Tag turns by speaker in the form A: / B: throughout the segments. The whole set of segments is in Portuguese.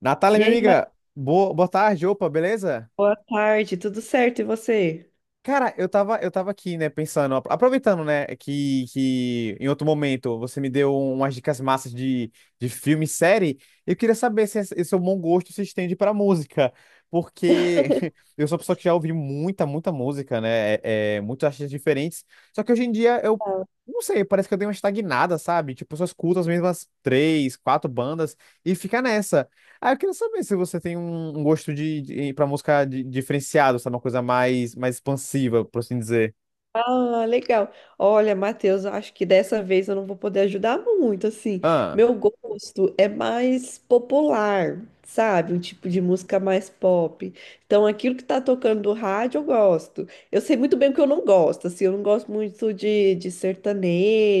A: Natália,
B: E
A: minha
B: aí, Mari,
A: amiga, boa tarde, opa, beleza?
B: boa tarde, tudo certo? E você?
A: Cara, eu tava aqui, né, pensando, aproveitando, né, que em outro momento você me deu umas dicas massas de filme e série. Eu queria saber se esse seu bom gosto se estende pra música, porque eu sou uma pessoa que já ouvi muita música, né, muitos artistas diferentes. Só que hoje em dia eu, não sei, parece que eu dei uma estagnada, sabe? Tipo, eu só escuto as mesmas três, quatro bandas e fica nessa. Ah, eu queria saber se você tem um gosto de para música diferenciado, sabe? Uma coisa mais expansiva, por assim dizer.
B: Ah, legal. Olha, Matheus, eu acho que dessa vez eu não vou poder ajudar muito, assim.
A: Ah,
B: Meu gosto é mais popular, sabe? Um tipo de música mais pop. Então, aquilo que tá tocando do rádio, eu gosto. Eu sei muito bem o que eu não gosto, assim. Eu não gosto muito de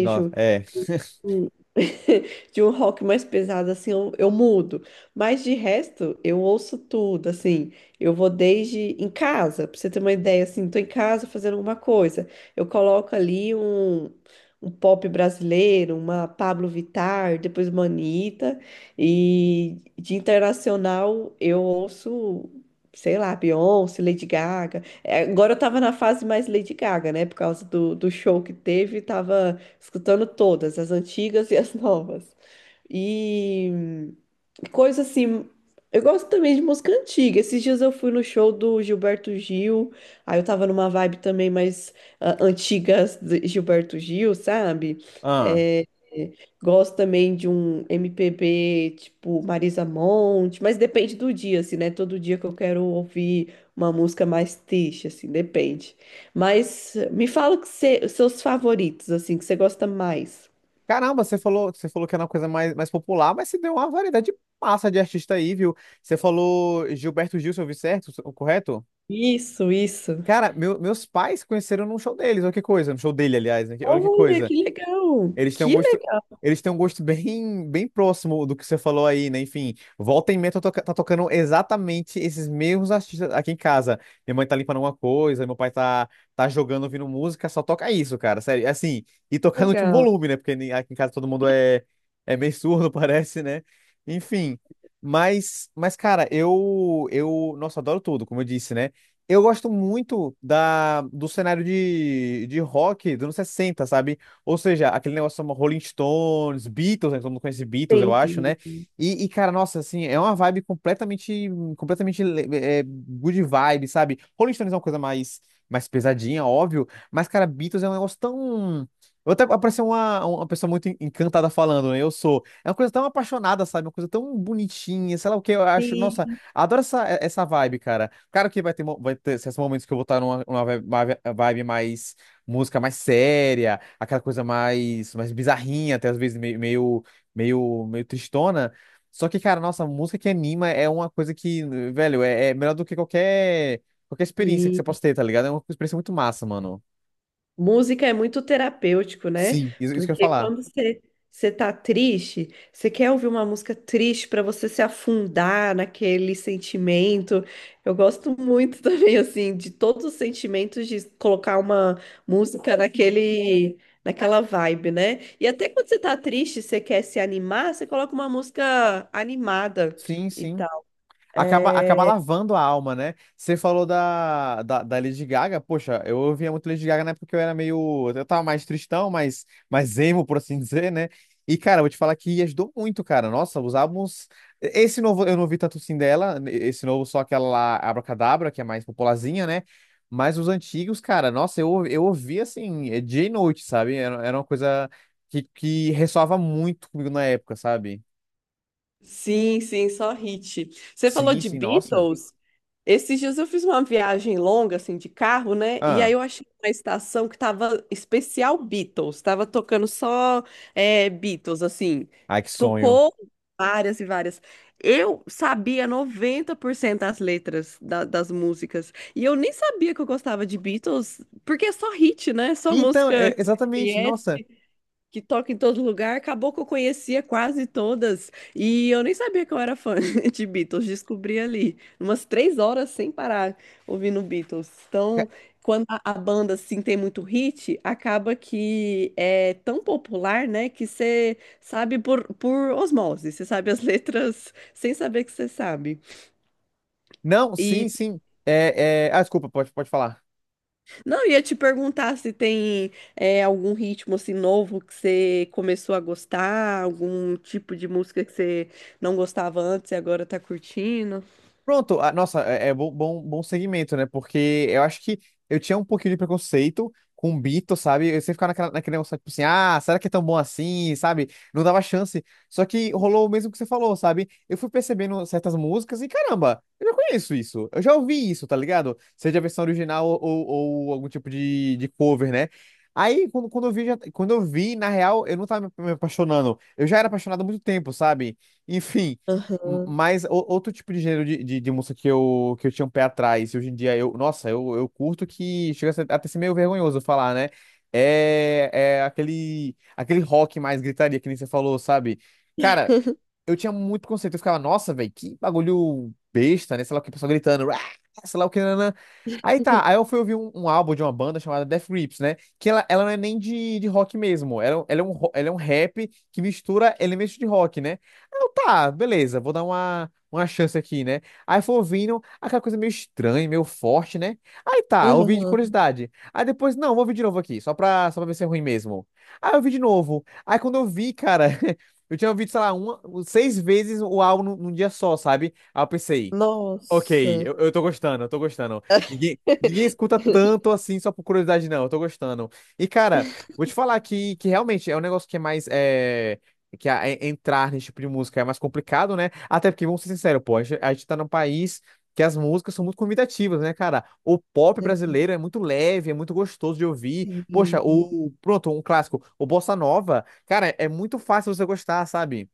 A: não, é.
B: De um rock mais pesado, assim, eu mudo. Mas de resto, eu ouço tudo, assim. Eu vou desde em casa, pra você ter uma ideia, assim, tô em casa fazendo alguma coisa. Eu coloco ali um pop brasileiro, uma Pablo Vittar, depois uma Anitta. E de internacional, eu ouço. Sei lá, Beyoncé, Lady Gaga. Agora eu tava na fase mais Lady Gaga, né? Por causa do show que teve, tava escutando todas, as antigas e as novas. E coisa assim, eu gosto também de música antiga. Esses dias eu fui no show do Gilberto Gil, aí eu tava numa vibe também mais antigas de Gilberto Gil, sabe?
A: Ah.
B: É, Gosto também de um MPB tipo Marisa Monte, mas depende do dia, assim, né? Todo dia que eu quero ouvir uma música mais triste, assim, depende. Mas me fala os seus favoritos, assim, que você gosta mais.
A: Caramba, você falou que era uma coisa mais popular, mas você deu uma variedade massa de artista aí, viu? Você falou Gilberto Gil, se eu ouvi certo, o correto?
B: Isso, isso.
A: Cara, meus pais conheceram num show deles, olha que coisa, no show dele, aliás, né? Olha que
B: Olha,
A: coisa.
B: que legal!
A: Eles têm um
B: Que
A: gosto, eles têm um gosto bem próximo do que você falou aí, né? Enfim, volta e meia tá, tá tocando exatamente esses mesmos artistas aqui em casa. Minha mãe tá limpando alguma coisa, tá jogando, ouvindo música, só toca isso, cara. Sério, assim, e tocar no último
B: legal!
A: volume, né? Porque aqui em casa todo mundo é, é meio surdo, parece, né? Enfim, mas cara, nossa, adoro tudo, como eu disse, né? Eu gosto muito da, do cenário de rock dos anos 60, sabe? Ou seja, aquele negócio chama Rolling Stones, Beatles, né? Todo mundo conhece Beatles, eu acho, né?
B: Entendi.
A: Cara, nossa, assim, é uma vibe completamente good vibe, sabe? Rolling Stones é uma coisa mais pesadinha, óbvio, mas, cara, Beatles é um negócio tão... Eu até parecia uma pessoa muito encantada falando, né? Eu sou. É uma coisa tão apaixonada, sabe? Uma coisa tão bonitinha, sei lá o que eu acho. Nossa,
B: Entendi.
A: adoro essa vibe, cara. Claro que vai ter, vai ter esses momentos que eu vou estar numa vibe uma vibe mais música mais séria, aquela coisa mais bizarrinha, até às vezes meio tristona. Só que, cara, nossa, a música que anima é uma coisa que, velho, é melhor do que qualquer, qualquer experiência que você possa ter, tá ligado? É uma experiência muito massa, mano.
B: Música é muito terapêutico, né?
A: Sim. Isso que eu ia
B: Porque
A: falar.
B: quando você tá triste, você quer ouvir uma música triste para você se afundar naquele sentimento. Eu gosto muito também assim de todos os sentimentos de colocar uma música naquele naquela vibe, né? E até quando você tá triste, você quer se animar, você coloca uma música animada
A: Sim,
B: e
A: sim.
B: tal.
A: Acaba
B: É,
A: lavando a alma, né? Você falou da Lady Gaga. Poxa, eu ouvia muito Lady Gaga na época que eu era meio. Eu tava mais tristão, mais emo, por assim dizer, né? E, cara, eu vou te falar que ajudou muito, cara. Nossa, os álbuns. Esse novo eu não vi tanto assim dela. Esse novo só aquela lá, Abracadabra, que é mais popularzinha, né? Mas os antigos, cara, nossa, eu ouvi assim, dia e noite, sabe? Era uma coisa que ressoava muito comigo na época, sabe?
B: Sim, sim, só hit. Você falou
A: Sim,
B: de
A: sim, nossa.
B: Beatles. Esses dias eu fiz uma viagem longa, assim, de carro, né? E
A: Ah,
B: aí eu achei uma estação que tava especial Beatles. Tava tocando só Beatles, assim.
A: ai, que sonho.
B: Tocou várias e várias. Eu sabia 90% das letras das músicas. E eu nem sabia que eu gostava de Beatles, porque é só hit, né? É só
A: Então,
B: música
A: é,
B: você
A: exatamente, nossa.
B: que toca em todo lugar, acabou que eu conhecia quase todas e eu nem sabia que eu era fã de Beatles, descobri ali, umas 3 horas sem parar ouvindo Beatles.
A: ca-
B: Então, quando a banda assim tem muito hit, acaba que é tão popular, né, que você sabe por osmose, você sabe as letras sem saber que você sabe.
A: Não, sim,
B: E,
A: sim. É, é... Ah, desculpa, pode falar.
B: não, ia te perguntar se tem algum ritmo assim novo que você começou a gostar, algum tipo de música que você não gostava antes e agora tá curtindo.
A: Pronto, ah, nossa, é, é, bom segmento, né? Porque eu acho que eu tinha um pouquinho de preconceito com o Bito, sabe? Eu sempre ficava naquela, naquele negócio, tipo assim, ah, será que é tão bom assim, sabe? Não dava chance. Só que rolou o mesmo que você falou, sabe? Eu fui percebendo certas músicas e, caramba, eu já conheço isso. Eu já ouvi isso, tá ligado? Seja a versão original ou algum tipo de cover, né? Aí, quando eu vi, já, quando eu vi, na real, eu não tava me apaixonando. Eu já era apaixonado há muito tempo, sabe? Enfim.
B: Aham,
A: Mas outro tipo de gênero de, de música que eu tinha um pé atrás, e hoje em dia eu curto que chega a até ser meio vergonhoso falar, né? É, é aquele rock mais gritaria, que nem você falou, sabe? Cara, eu tinha muito conceito. Eu ficava, nossa, velho, que bagulho besta, né? Sei lá o que, o pessoal gritando, "Ah", sei lá o que, nanã. Aí tá, aí eu fui ouvir um álbum de uma banda chamada Death Grips, né? Que ela não é nem de, de rock mesmo, ela, é um, ela, é um, ela é um rap que mistura elementos de rock, né? Aí eu, tá, beleza, vou dar uma chance aqui, né? Aí fui ouvindo aquela coisa meio estranha, meio forte, né? Aí tá, ouvi de
B: aham.
A: curiosidade. Aí depois, não, vou ouvir de novo aqui, só pra ver se é ruim mesmo. Aí eu ouvi de novo. Aí quando eu vi, cara. Eu tinha ouvido, sei lá, uma, seis vezes o álbum num dia só, sabe? Aí eu pensei, ok,
B: Nossa.
A: eu tô gostando, eu tô gostando. Ninguém escuta tanto assim só por curiosidade, não. Eu tô gostando. E, cara, vou te falar que realmente é um negócio que é mais. É, que entrar nesse tipo de música é mais complicado, né? Até porque, vamos ser sinceros, pô, a gente tá num país que as músicas são muito convidativas, né, cara? O pop brasileiro é muito leve, é muito gostoso de ouvir. Poxa,
B: Assim.
A: o. Pronto, um clássico, o Bossa Nova. Cara, é muito fácil você gostar, sabe?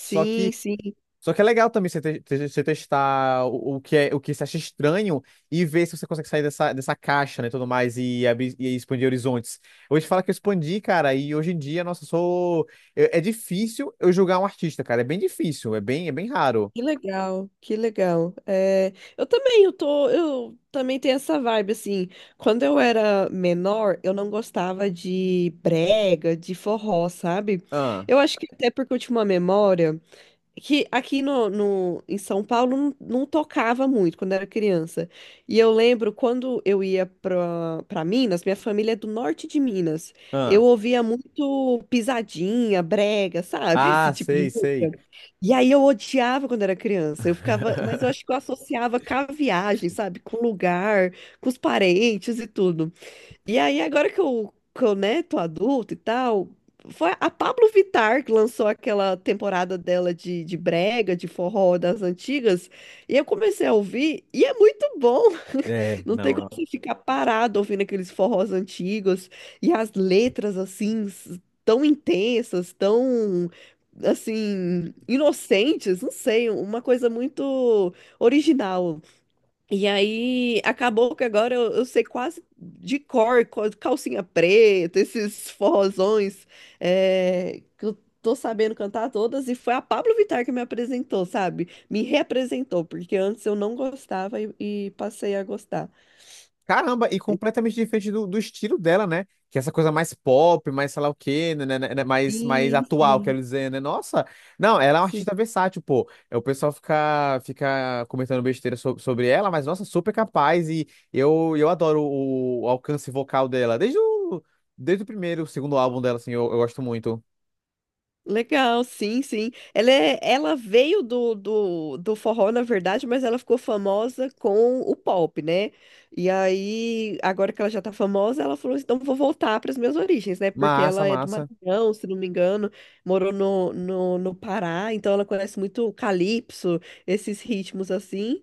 A: Só que
B: sim.
A: só que é legal também você, você testar o que é, o que você acha estranho e ver se você consegue sair dessa, dessa caixa, né, tudo mais, e abrir, e expandir horizontes. Eu vou te falar que eu expandi, cara, e hoje em dia, nossa, eu sou... é difícil eu julgar um artista, cara, é bem difícil, é bem raro.
B: Que legal, que legal. Eu também tenho essa vibe, assim. Quando eu era menor, eu não gostava de brega, de forró, sabe?
A: Ah,
B: Eu acho que até porque eu tinha uma memória que aqui em São Paulo não tocava muito quando era criança. E eu lembro quando eu ia pra Minas, minha família é do norte de Minas.
A: ah,
B: Eu ouvia muito pisadinha, brega, sabe? Esse tipo de
A: sei,
B: música.
A: sei.
B: E aí eu odiava quando era criança. Eu ficava, mas eu acho que eu associava com a viagem, sabe? Com o lugar, com os parentes e tudo. E aí, agora que eu, né, tô adulto e tal, foi a Pablo Vittar que lançou aquela temporada dela de brega, de forró das antigas, e eu comecei a ouvir, e é muito bom.
A: É,
B: Não tem como
A: não,
B: você ficar parado ouvindo aqueles forrós antigos, e as letras, assim, tão intensas, tão, assim, inocentes, não sei, uma coisa muito original. E aí, acabou que agora eu sei quase de cor, calcinha preta, esses forrozões, que eu tô sabendo cantar todas, e foi a Pablo Vittar que me apresentou, sabe? Me reapresentou, porque antes eu não gostava e passei a gostar.
A: caramba, e completamente diferente do, do estilo dela, né? Que é essa coisa mais pop, mais sei lá o quê, né, mais
B: Sim,
A: atual, quero
B: sim.
A: dizer, né? Nossa, não, ela é uma
B: Sim.
A: artista versátil, pô. É, o pessoal fica comentando besteira sobre ela, mas nossa, super capaz e eu adoro o alcance vocal dela. Desde o primeiro, o segundo álbum dela, assim, eu gosto muito.
B: Legal, sim, sim. Ela veio do forró, na verdade, mas ela ficou famosa com o pop, né? E aí, agora que ela já tá famosa, ela falou, assim, então vou voltar para as minhas origens, né? Porque
A: Massa,
B: ela é do
A: massa.
B: Maranhão, se não me engano, morou no Pará, então ela conhece muito o calypso, esses ritmos assim.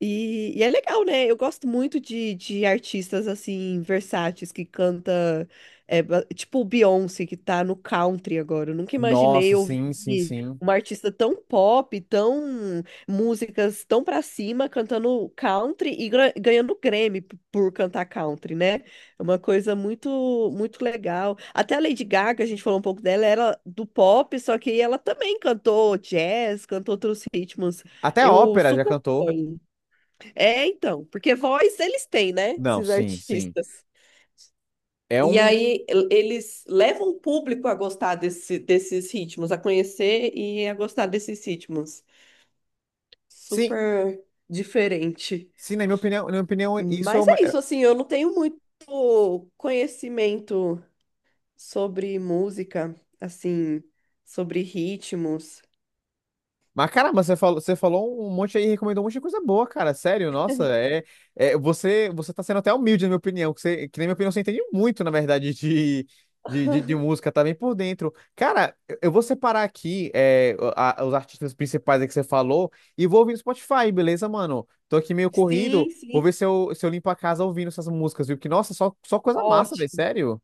B: E é legal, né? Eu gosto muito de artistas, assim, versáteis, que canta tipo o Beyoncé que tá no country agora. Eu nunca
A: Nossa,
B: imaginei ouvir
A: sim, sim, sim.
B: uma artista tão pop, tão músicas tão pra cima cantando country e ganhando Grammy por cantar country, né? É uma coisa muito muito legal. Até a Lady Gaga, a gente falou um pouco dela, era do pop, só que ela também cantou jazz, cantou outros ritmos.
A: Até a
B: Eu
A: ópera já
B: super
A: cantou.
B: apoio. Então, porque voz eles têm, né?
A: Não,
B: Esses
A: sim, sim.
B: artistas.
A: É
B: E
A: um.
B: aí eles levam o público a gostar desses ritmos, a conhecer e a gostar desses ritmos.
A: Sim,
B: Super diferente.
A: sim, na minha opinião, isso...
B: Mas é isso, assim, eu não tenho muito conhecimento sobre música, assim, sobre ritmos.
A: Mas caramba, você falou um monte aí, recomendou um monte de coisa boa, cara. Sério, nossa, é, é você tá sendo até humilde, na minha opinião, que, você, que na minha opinião você entende muito, na verdade, de música, tá bem por dentro. Cara, eu vou separar aqui é, os artistas principais aí que você falou e vou ouvir no Spotify, beleza, mano? Tô aqui meio
B: Sim,
A: corrido, vou
B: sim.
A: ver se eu, se eu limpo a casa ouvindo essas músicas, viu? Porque, nossa, só, só coisa massa, velho,
B: Ótimo.
A: sério.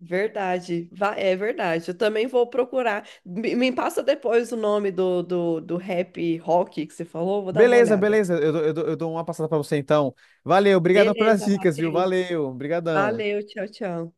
B: Verdade. É verdade. Eu também vou procurar. Me passa depois o nome do rap rock que você falou, vou dar uma
A: Beleza,
B: olhada.
A: beleza, eu dou uma passada pra você então. Valeu, obrigadão pelas
B: Beleza,
A: dicas, viu?
B: Matheus.
A: Valeu, obrigadão.
B: Valeu, tchau, tchau.